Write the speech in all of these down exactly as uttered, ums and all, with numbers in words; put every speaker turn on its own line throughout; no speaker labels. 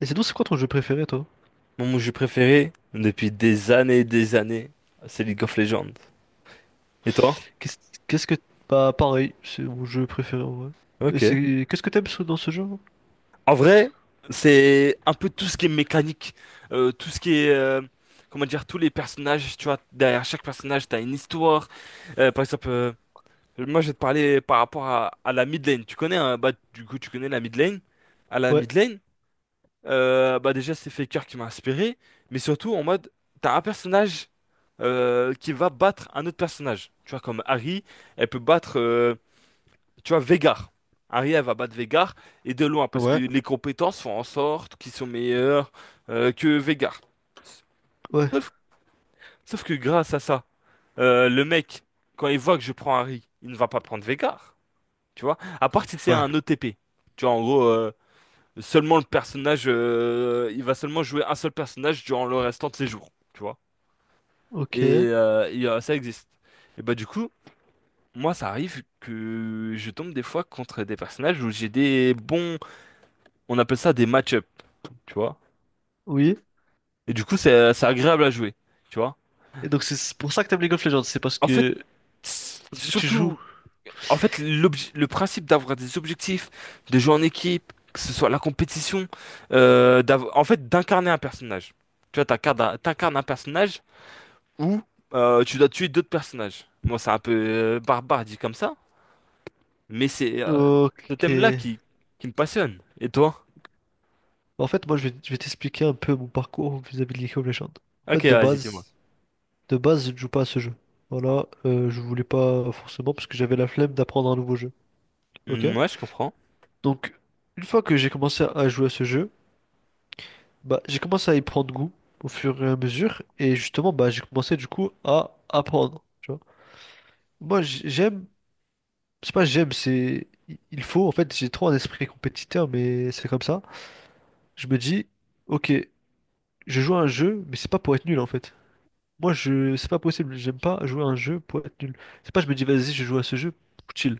Et sinon, c'est quoi ton jeu préféré, toi?
Mon jeu préféré, depuis des années et des années, c'est League of Legends. Et toi?
Qu'est-ce qu'est-ce que... Bah, pareil, c'est mon jeu préféré, en vrai. Et
Ok.
c'est... Qu'est-ce que t'aimes sur- dans ce jeu?
En vrai, c'est un peu tout ce qui est mécanique, euh, tout ce qui est, euh, comment dire, tous les personnages, tu vois, derrière chaque personnage, t'as une histoire. Euh, par exemple, euh, moi, je vais te parler par rapport à, à la mid lane. Tu connais, hein, bah, du coup, tu connais la mid lane? À la
Ouais,
mid lane, Euh, bah déjà c'est Faker qui m'a inspiré, mais surtout en mode t'as un personnage euh, qui va battre un autre personnage. Tu vois comme Harry, elle peut battre, euh, tu vois Veigar. Harry elle va battre Veigar et de loin parce que
ouais,
les compétences font en sorte qu'ils sont meilleurs euh, que Veigar.
ouais,
Sauf, sauf que grâce à ça, euh, le mec quand il voit que je prends Harry, il ne va pas prendre Veigar. Tu vois, à part si c'est
ouais,
un O T P. Tu vois en gros. euh, Seulement le personnage, euh, il va seulement jouer un seul personnage durant le restant de ses jours, tu vois. Et,
ok,
euh, et, euh, ça existe. Et bah du coup, moi ça arrive que je tombe des fois contre des personnages où j'ai des bons, on appelle ça des match-up, tu vois.
oui.
Et du coup, c'est c'est agréable à jouer, tu vois.
Et donc, c'est pour ça que t'aimes League of Legends, c'est parce
En fait,
que...
s-
vu que tu joues...
surtout, en fait, l'obje- le principe d'avoir des objectifs, de jouer en équipe, que ce soit la compétition, euh, d'av- en fait, d'incarner un personnage. Tu vois, t'incarnes un t'incarnes un personnage ou euh, tu dois tuer d'autres personnages. Moi, c'est un peu euh, barbare dit comme ça, mais c'est euh, ce
Ok.
thème-là qui, qui me passionne. Et toi?
En fait, moi, je vais, je vais t'expliquer un peu mon parcours vis-à-vis de League of Legends. En
Ok,
fait, de
vas-y, dis-moi.
base, de base, je ne joue pas à ce jeu. Voilà, euh, je voulais pas forcément parce que j'avais la flemme d'apprendre un nouveau jeu. Ok?
Hmm, ouais, je comprends.
Donc, une fois que j'ai commencé à jouer à ce jeu, bah, j'ai commencé à y prendre goût au fur et à mesure, et justement, bah, j'ai commencé du coup à apprendre, tu vois. Moi, j- j'aime, c'est pas j'aime, c'est il faut, en fait, j'ai trop un esprit compétiteur, mais c'est comme ça. Je me dis, ok, je joue à un jeu, mais c'est pas pour être nul en fait. Moi, je, c'est pas possible, j'aime pas jouer à un jeu pour être nul. C'est pas, je me dis, vas-y, je joue à ce jeu, chill.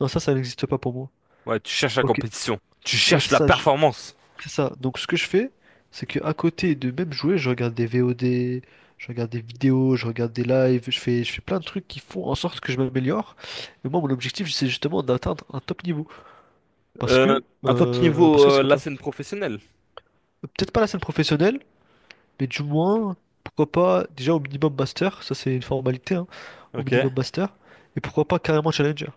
Non, ça, ça n'existe pas pour moi.
Ouais, tu cherches la
Ok,
compétition. Tu
ouais, c'est
cherches la
ça, je-
performance.
c'est ça. Donc ce que je fais, c'est que à côté de même jouer, je regarde des V O D, je regarde des vidéos, je regarde des lives, je fais, je fais plein de trucs qui font en sorte que je m'améliore. Mais moi, mon objectif, c'est justement d'atteindre un top niveau. Parce
Euh,
que,
un top
euh,
niveau,
parce que c'est
euh,
comme
la
ça.
scène professionnelle.
Peut-être pas la scène professionnelle, mais du moins, pourquoi pas déjà au minimum master, ça c'est une formalité, hein, au minimum
Ok.
master, et pourquoi pas carrément challenger.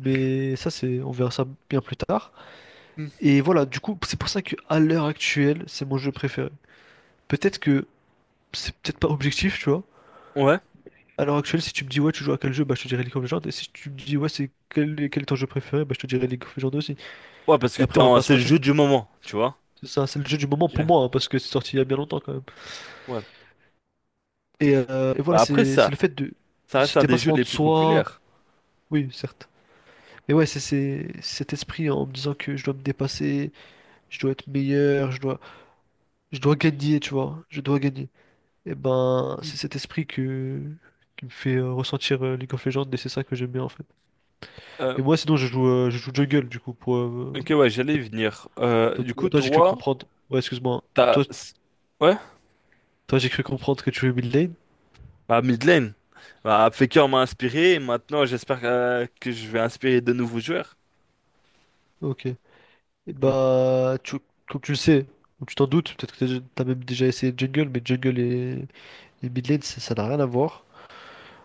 Mais ça, c'est, on verra ça bien plus tard.
Hmm.
Et voilà, du coup, c'est pour ça que à l'heure actuelle, c'est mon jeu préféré. Peut-être que c'est peut-être pas objectif, tu vois.
Ouais.
À l'heure actuelle, si tu me dis ouais, tu joues à quel jeu, bah je te dirai League of Legends. Et si tu me dis ouais, c'est quel, quel est ton jeu préféré, bah je te dirai League of Legends aussi.
Ouais, parce que
Et
t'es
après, on va
en-
pas se
c'est le
mentir.
jeu du moment, tu vois.
C'est ça, c'est le jeu du moment pour moi,
Ok.
hein, parce que c'est sorti il y a bien longtemps quand même.
Ouais.
Et, euh, et voilà,
Bah, après,
c'est c'est
ça,
le fait de
ça
ce
reste un des jeux
dépassement
les
de
plus
soi.
populaires.
Oui, certes. Mais ouais, c'est c'est cet esprit en me disant que je dois me dépasser, je dois être meilleur, je dois, je dois gagner, tu vois. Je dois gagner. Et ben,
Hmm.
c'est cet esprit que, qui me fait euh, ressentir euh, League of Legends et c'est ça que j'aime bien en fait.
Euh,
Et moi, sinon, je joue, euh, je joue jungle, du coup, pour... euh,
ok, ouais, j'allais y venir. Euh, du
to-
coup,
Toi, j'ai cru
toi,
comprendre... Ouais, excuse-moi.
t'as...
Toi,
Ouais?
toi j'ai cru comprendre que tu jouais mid lane.
Bah, mid lane. Bah, Faker m'a inspiré. Et maintenant, j'espère euh, que je vais inspirer de nouveaux joueurs.
Ok. Et
Mm.
bah, tu... comme tu le sais, ou tu t'en doutes, peut-être que t'as t'as même déjà essayé jungle, mais jungle et, et mid lane, ça ça n'a rien à voir.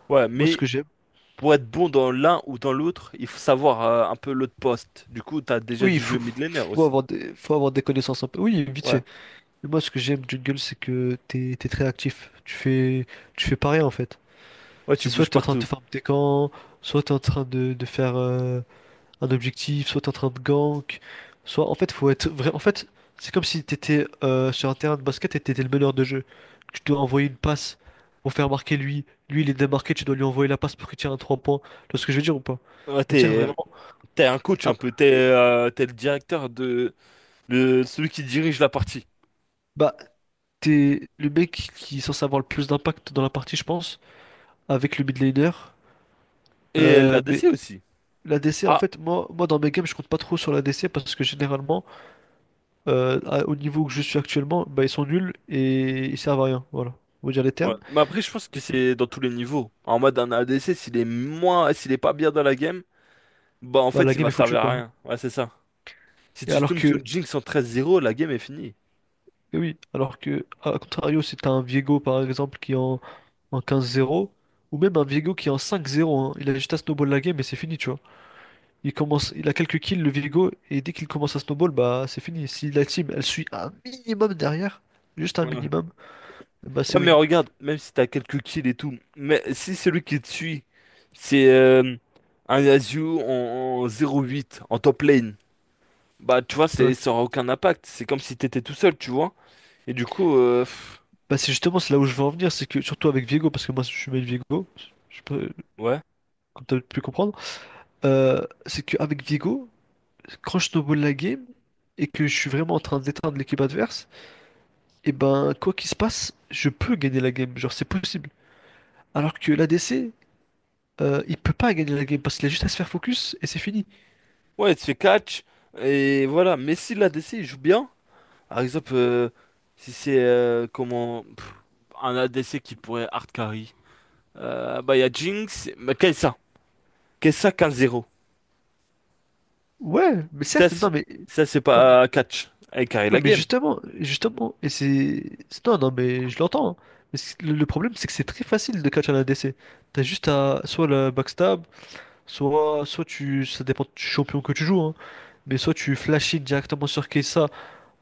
Ouais,
Moi, ce
mais
que j'aime...
pour être bon dans l'un ou dans l'autre, il faut savoir euh, un peu l'autre poste. Du coup, t'as déjà
Oui, il
dû
faut,
jouer mid laner
faut
aussi.
avoir des, faut avoir des connaissances un peu. Oui, vite
Ouais.
fait. Mais moi, ce que j'aime jungle, c'est que t'es, t'es très actif. Tu fais, tu fais pas rien, en fait.
Ouais, tu
C'est soit
bouges
t'es en train de te
partout.
farm tes camps, soit t'es en train de, de faire... euh, un objectif, soit t'es en train de gank, soit en fait faut être vrai. En fait, c'est comme si t'étais euh, sur un terrain de basket et t'étais le meneur de jeu. Tu dois envoyer une passe pour faire marquer lui. Lui il est démarqué, tu dois lui envoyer la passe pour qu'il tire un trois points. Tu vois ce que je veux dire ou pas?
Ouais,
C'est-à-dire
t'es,
vraiment.
t'es un coach un
Ah,
peu. T'es euh, t'es le directeur de le, celui qui dirige la partie.
bah t'es le mec qui est censé avoir le plus d'impact dans la partie, je pense, avec le mid laner.
Et
Euh, mais
l'A D C aussi.
l'A D C, en
Ah,
fait, moi, moi dans mes games, je compte pas trop sur la l'A D C parce que généralement. euh, à- au niveau que je suis actuellement, bah, ils sont nuls et ils servent à rien. Voilà. On va dire les
ouais.
termes.
Mais après, je pense que
Ok.
c'est dans tous les niveaux. En mode, un A D C, s'il est moins, s'il est pas bien dans la game, bah en
Bah,
fait,
la
il
game
va
est foutue,
servir à
quoi.
rien. Ouais, c'est ça. Si
Et
tu
alors
tombes sur
que,
une Jinx en treize à zéro, la game est finie.
et oui, alors que, à contrario, si t'as un Viego, par exemple, qui est en, en quinze zéro, ou même un Viego qui est en cinq zéro, hein, il a juste à snowball la game et c'est fini, tu vois. Il commence, il a quelques kills, le Viego, et dès qu'il commence à snowball, bah, c'est fini. Si la team, elle suit un minimum derrière, juste un
Ouais.
minimum, bah, c'est
Ouais, mais
win.
regarde, même si t'as quelques kills et tout, mais si celui qui te suit, c'est euh, un Yasuo en, en zéro huit, en top lane, bah tu vois,
Ouais.
c'est, ça aura aucun impact. C'est comme si t'étais tout seul, tu vois. Et du coup, euh, pff,
Bah, c'est justement, c'est là où je veux en venir, c'est que, surtout avec Viego, parce que moi, je suis main Viego,
ouais.
comme tu as pu comprendre, euh, c'est qu'avec Viego, quand je snowball la game et que je suis vraiment en train d'éteindre l'équipe adverse, et ben quoi qu'il se passe, je peux gagner la game, genre c'est possible. Alors que l'A D C, euh, il peut pas gagner la game parce qu'il a juste à se faire focus et c'est fini.
Ouais, tu fais catch, et voilà. Mais si l'A D C il joue bien, par exemple, euh, si c'est euh, comment pff, un A D C qui pourrait hard carry, euh, bah il y a Jinx, mais Kai'Sa. Kai'Sa quinze zéro.
Ouais, mais
Ça,
certes,
c'est-
non mais,
Ça c'est
non, mais-
pas euh, catch. Avec carré
ouais
la
mais
game.
justement, justement, et c'est, c'est- non non mais je l'entends, hein. Mais c'est- le le problème, c'est que c'est très facile de catch un A D C. T'as juste à soit le backstab, soit, soit tu, ça dépend du champion que tu joues, hein. Mais soit tu flashes directement sur Kessa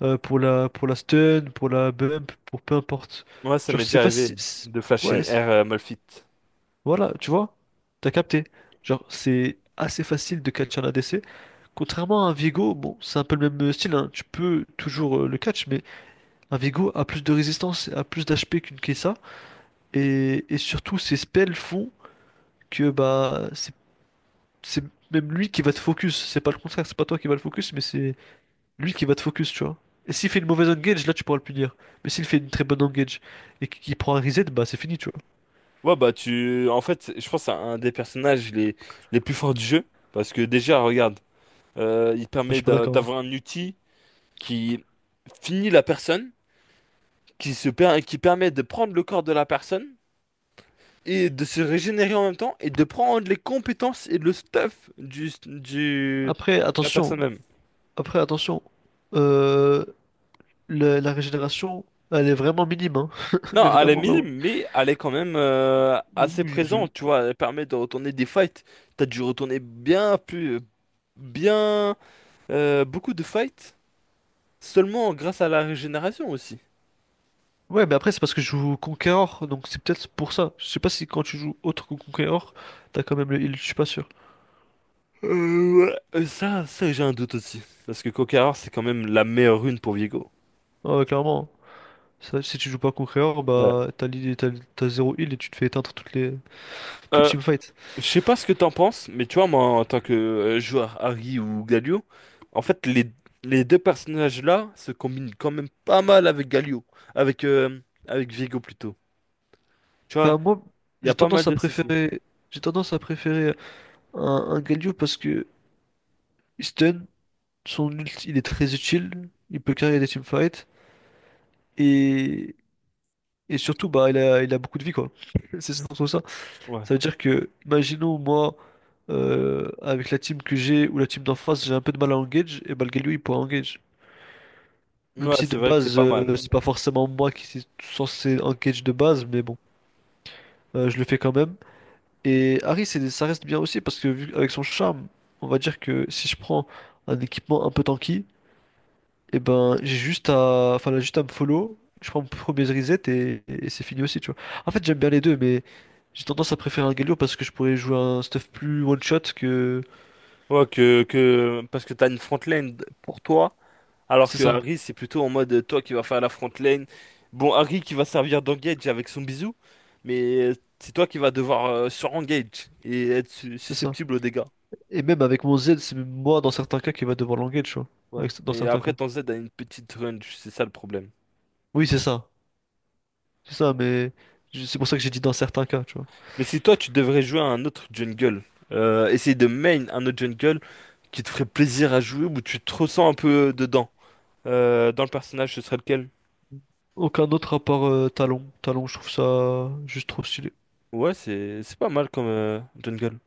euh, pour la, pour la stun, pour la bump, pour peu importe.
Moi, ça
Genre,
m'est
c'est
déjà
facile.
arrivé
c'est-
de flash in
Ouais, c'est-
air euh, Malphite.
voilà, tu vois, t'as capté. Genre, c'est assez facile de catch un A D C. Contrairement à un Viego, bon, c'est un peu le même style, hein. Tu peux toujours euh, le catch, mais un Viego a plus de résistance, a plus d'H P qu'une Kessa. Et, et surtout, ses spells font que bah, c'est c'est même lui qui va te focus. C'est pas le contraire, c'est pas toi qui va le focus, mais c'est. Lui qui va te focus, tu vois. Et s'il fait une mauvaise engage, là tu pourras le punir. Mais s'il fait une très bonne engage et qu'il prend un reset, bah c'est fini, tu vois.
Ouais, bah, tu. En fait, je pense que c'est un des personnages les, les plus forts du jeu. Parce que déjà, regarde, euh, il
Ah, je
permet
suis pas
d'a-
d'accord, hein.
d'avoir un outil qui finit la personne, qui se per- qui permet de prendre le corps de la personne et de se régénérer en même temps et de prendre les compétences et le stuff du, du...
Après,
de la personne
attention.
même.
Après, attention. Euh, la, la régénération, elle est vraiment minime, hein. Mais
Non, elle est
vraiment, vraiment.
minime, mais elle est quand même euh, assez
Oui, je-
présente, tu vois. Elle permet de retourner des fights. T'as dû retourner bien plus, bien, euh, beaucoup de fights seulement grâce à la régénération aussi.
Ouais, mais après, c'est parce que je joue Conqueror, donc c'est peut-être pour ça. Je sais pas si quand tu joues autre que Conqueror, t'as quand même le heal, je suis pas sûr.
Euh, ouais. Euh, ça, ça j'ai un doute aussi. Parce que Conqueror, c'est quand même la meilleure rune pour Viego.
Ah ouais, clairement, hein. Ça, si tu joues pas Conqueror,
Ouais.
bah t'as l'heal, t'as, t'as zéro heal et tu te fais éteindre toutes les, toutes les
Euh,
teamfights.
je sais pas ce que t'en penses, mais tu vois, moi, en tant que euh, joueur Harry ou Galio, en fait, les, les deux personnages-là se combinent quand même pas mal avec Galio. Avec, euh, avec Viego plutôt. Tu vois,
Bah, moi,
il y
j'ai
a pas mal
tendance à
de ceci.
préférer, j'ai tendance à préférer un, un Galio parce que Stun, son ult, il est très utile, il peut carrer des teamfights et, et surtout, bah, il a, il a beaucoup de vie, quoi. C'est surtout ça.
Ouais.
Ça veut dire que, imaginons, moi, euh, avec la team que j'ai ou la team d'en face, j'ai un peu de mal à engage, et bah, le Galio, il pourra engage. Même
Ouais,
si de
c'est vrai que c'est
base,
pas mal.
euh, c'est pas forcément moi qui suis censé engage de base, mais bon, euh, je le fais quand même. Et Harry, c'est- ça reste bien aussi parce que vu avec son charme, on va dire que si je prends un équipement un peu tanky, et ben j'ai juste à, enfin là, juste à me follow, je prends mon premier reset et, et c'est fini aussi, tu vois. En fait, j'aime bien les deux, mais j'ai tendance à préférer un Galio parce que je pourrais jouer un stuff plus one shot que,
Ouais, que, que, parce que t'as une front lane pour toi, alors
c'est
que
ça,
Harry, c'est plutôt en mode euh, toi qui vas faire la front lane. Bon, Harry qui va servir d'engage avec son bisou, mais euh, c'est toi qui vas devoir euh, sur-engage et être su-
c'est ça.
susceptible aux dégâts.
Et même avec mon Z, c'est même moi dans certains cas qui va devoir languer, tu vois.
Ouais.
Avec- Dans
Mais
certains
après,
cas.
ton Z a une petite range, c'est ça le problème.
Oui, c'est ça, c'est ça, mais je- c'est pour ça que j'ai dit dans certains cas, tu vois.
Mais si toi, tu devrais jouer à un autre jungle, euh, essayer de main un autre jungle qui te ferait plaisir à jouer où tu te ressens un peu dedans. Euh, dans le personnage, ce serait lequel?
Aucun autre à part euh, Talon. Talon, je trouve ça euh, juste trop stylé.
Ouais, c'est c'est pas mal comme euh, jungle.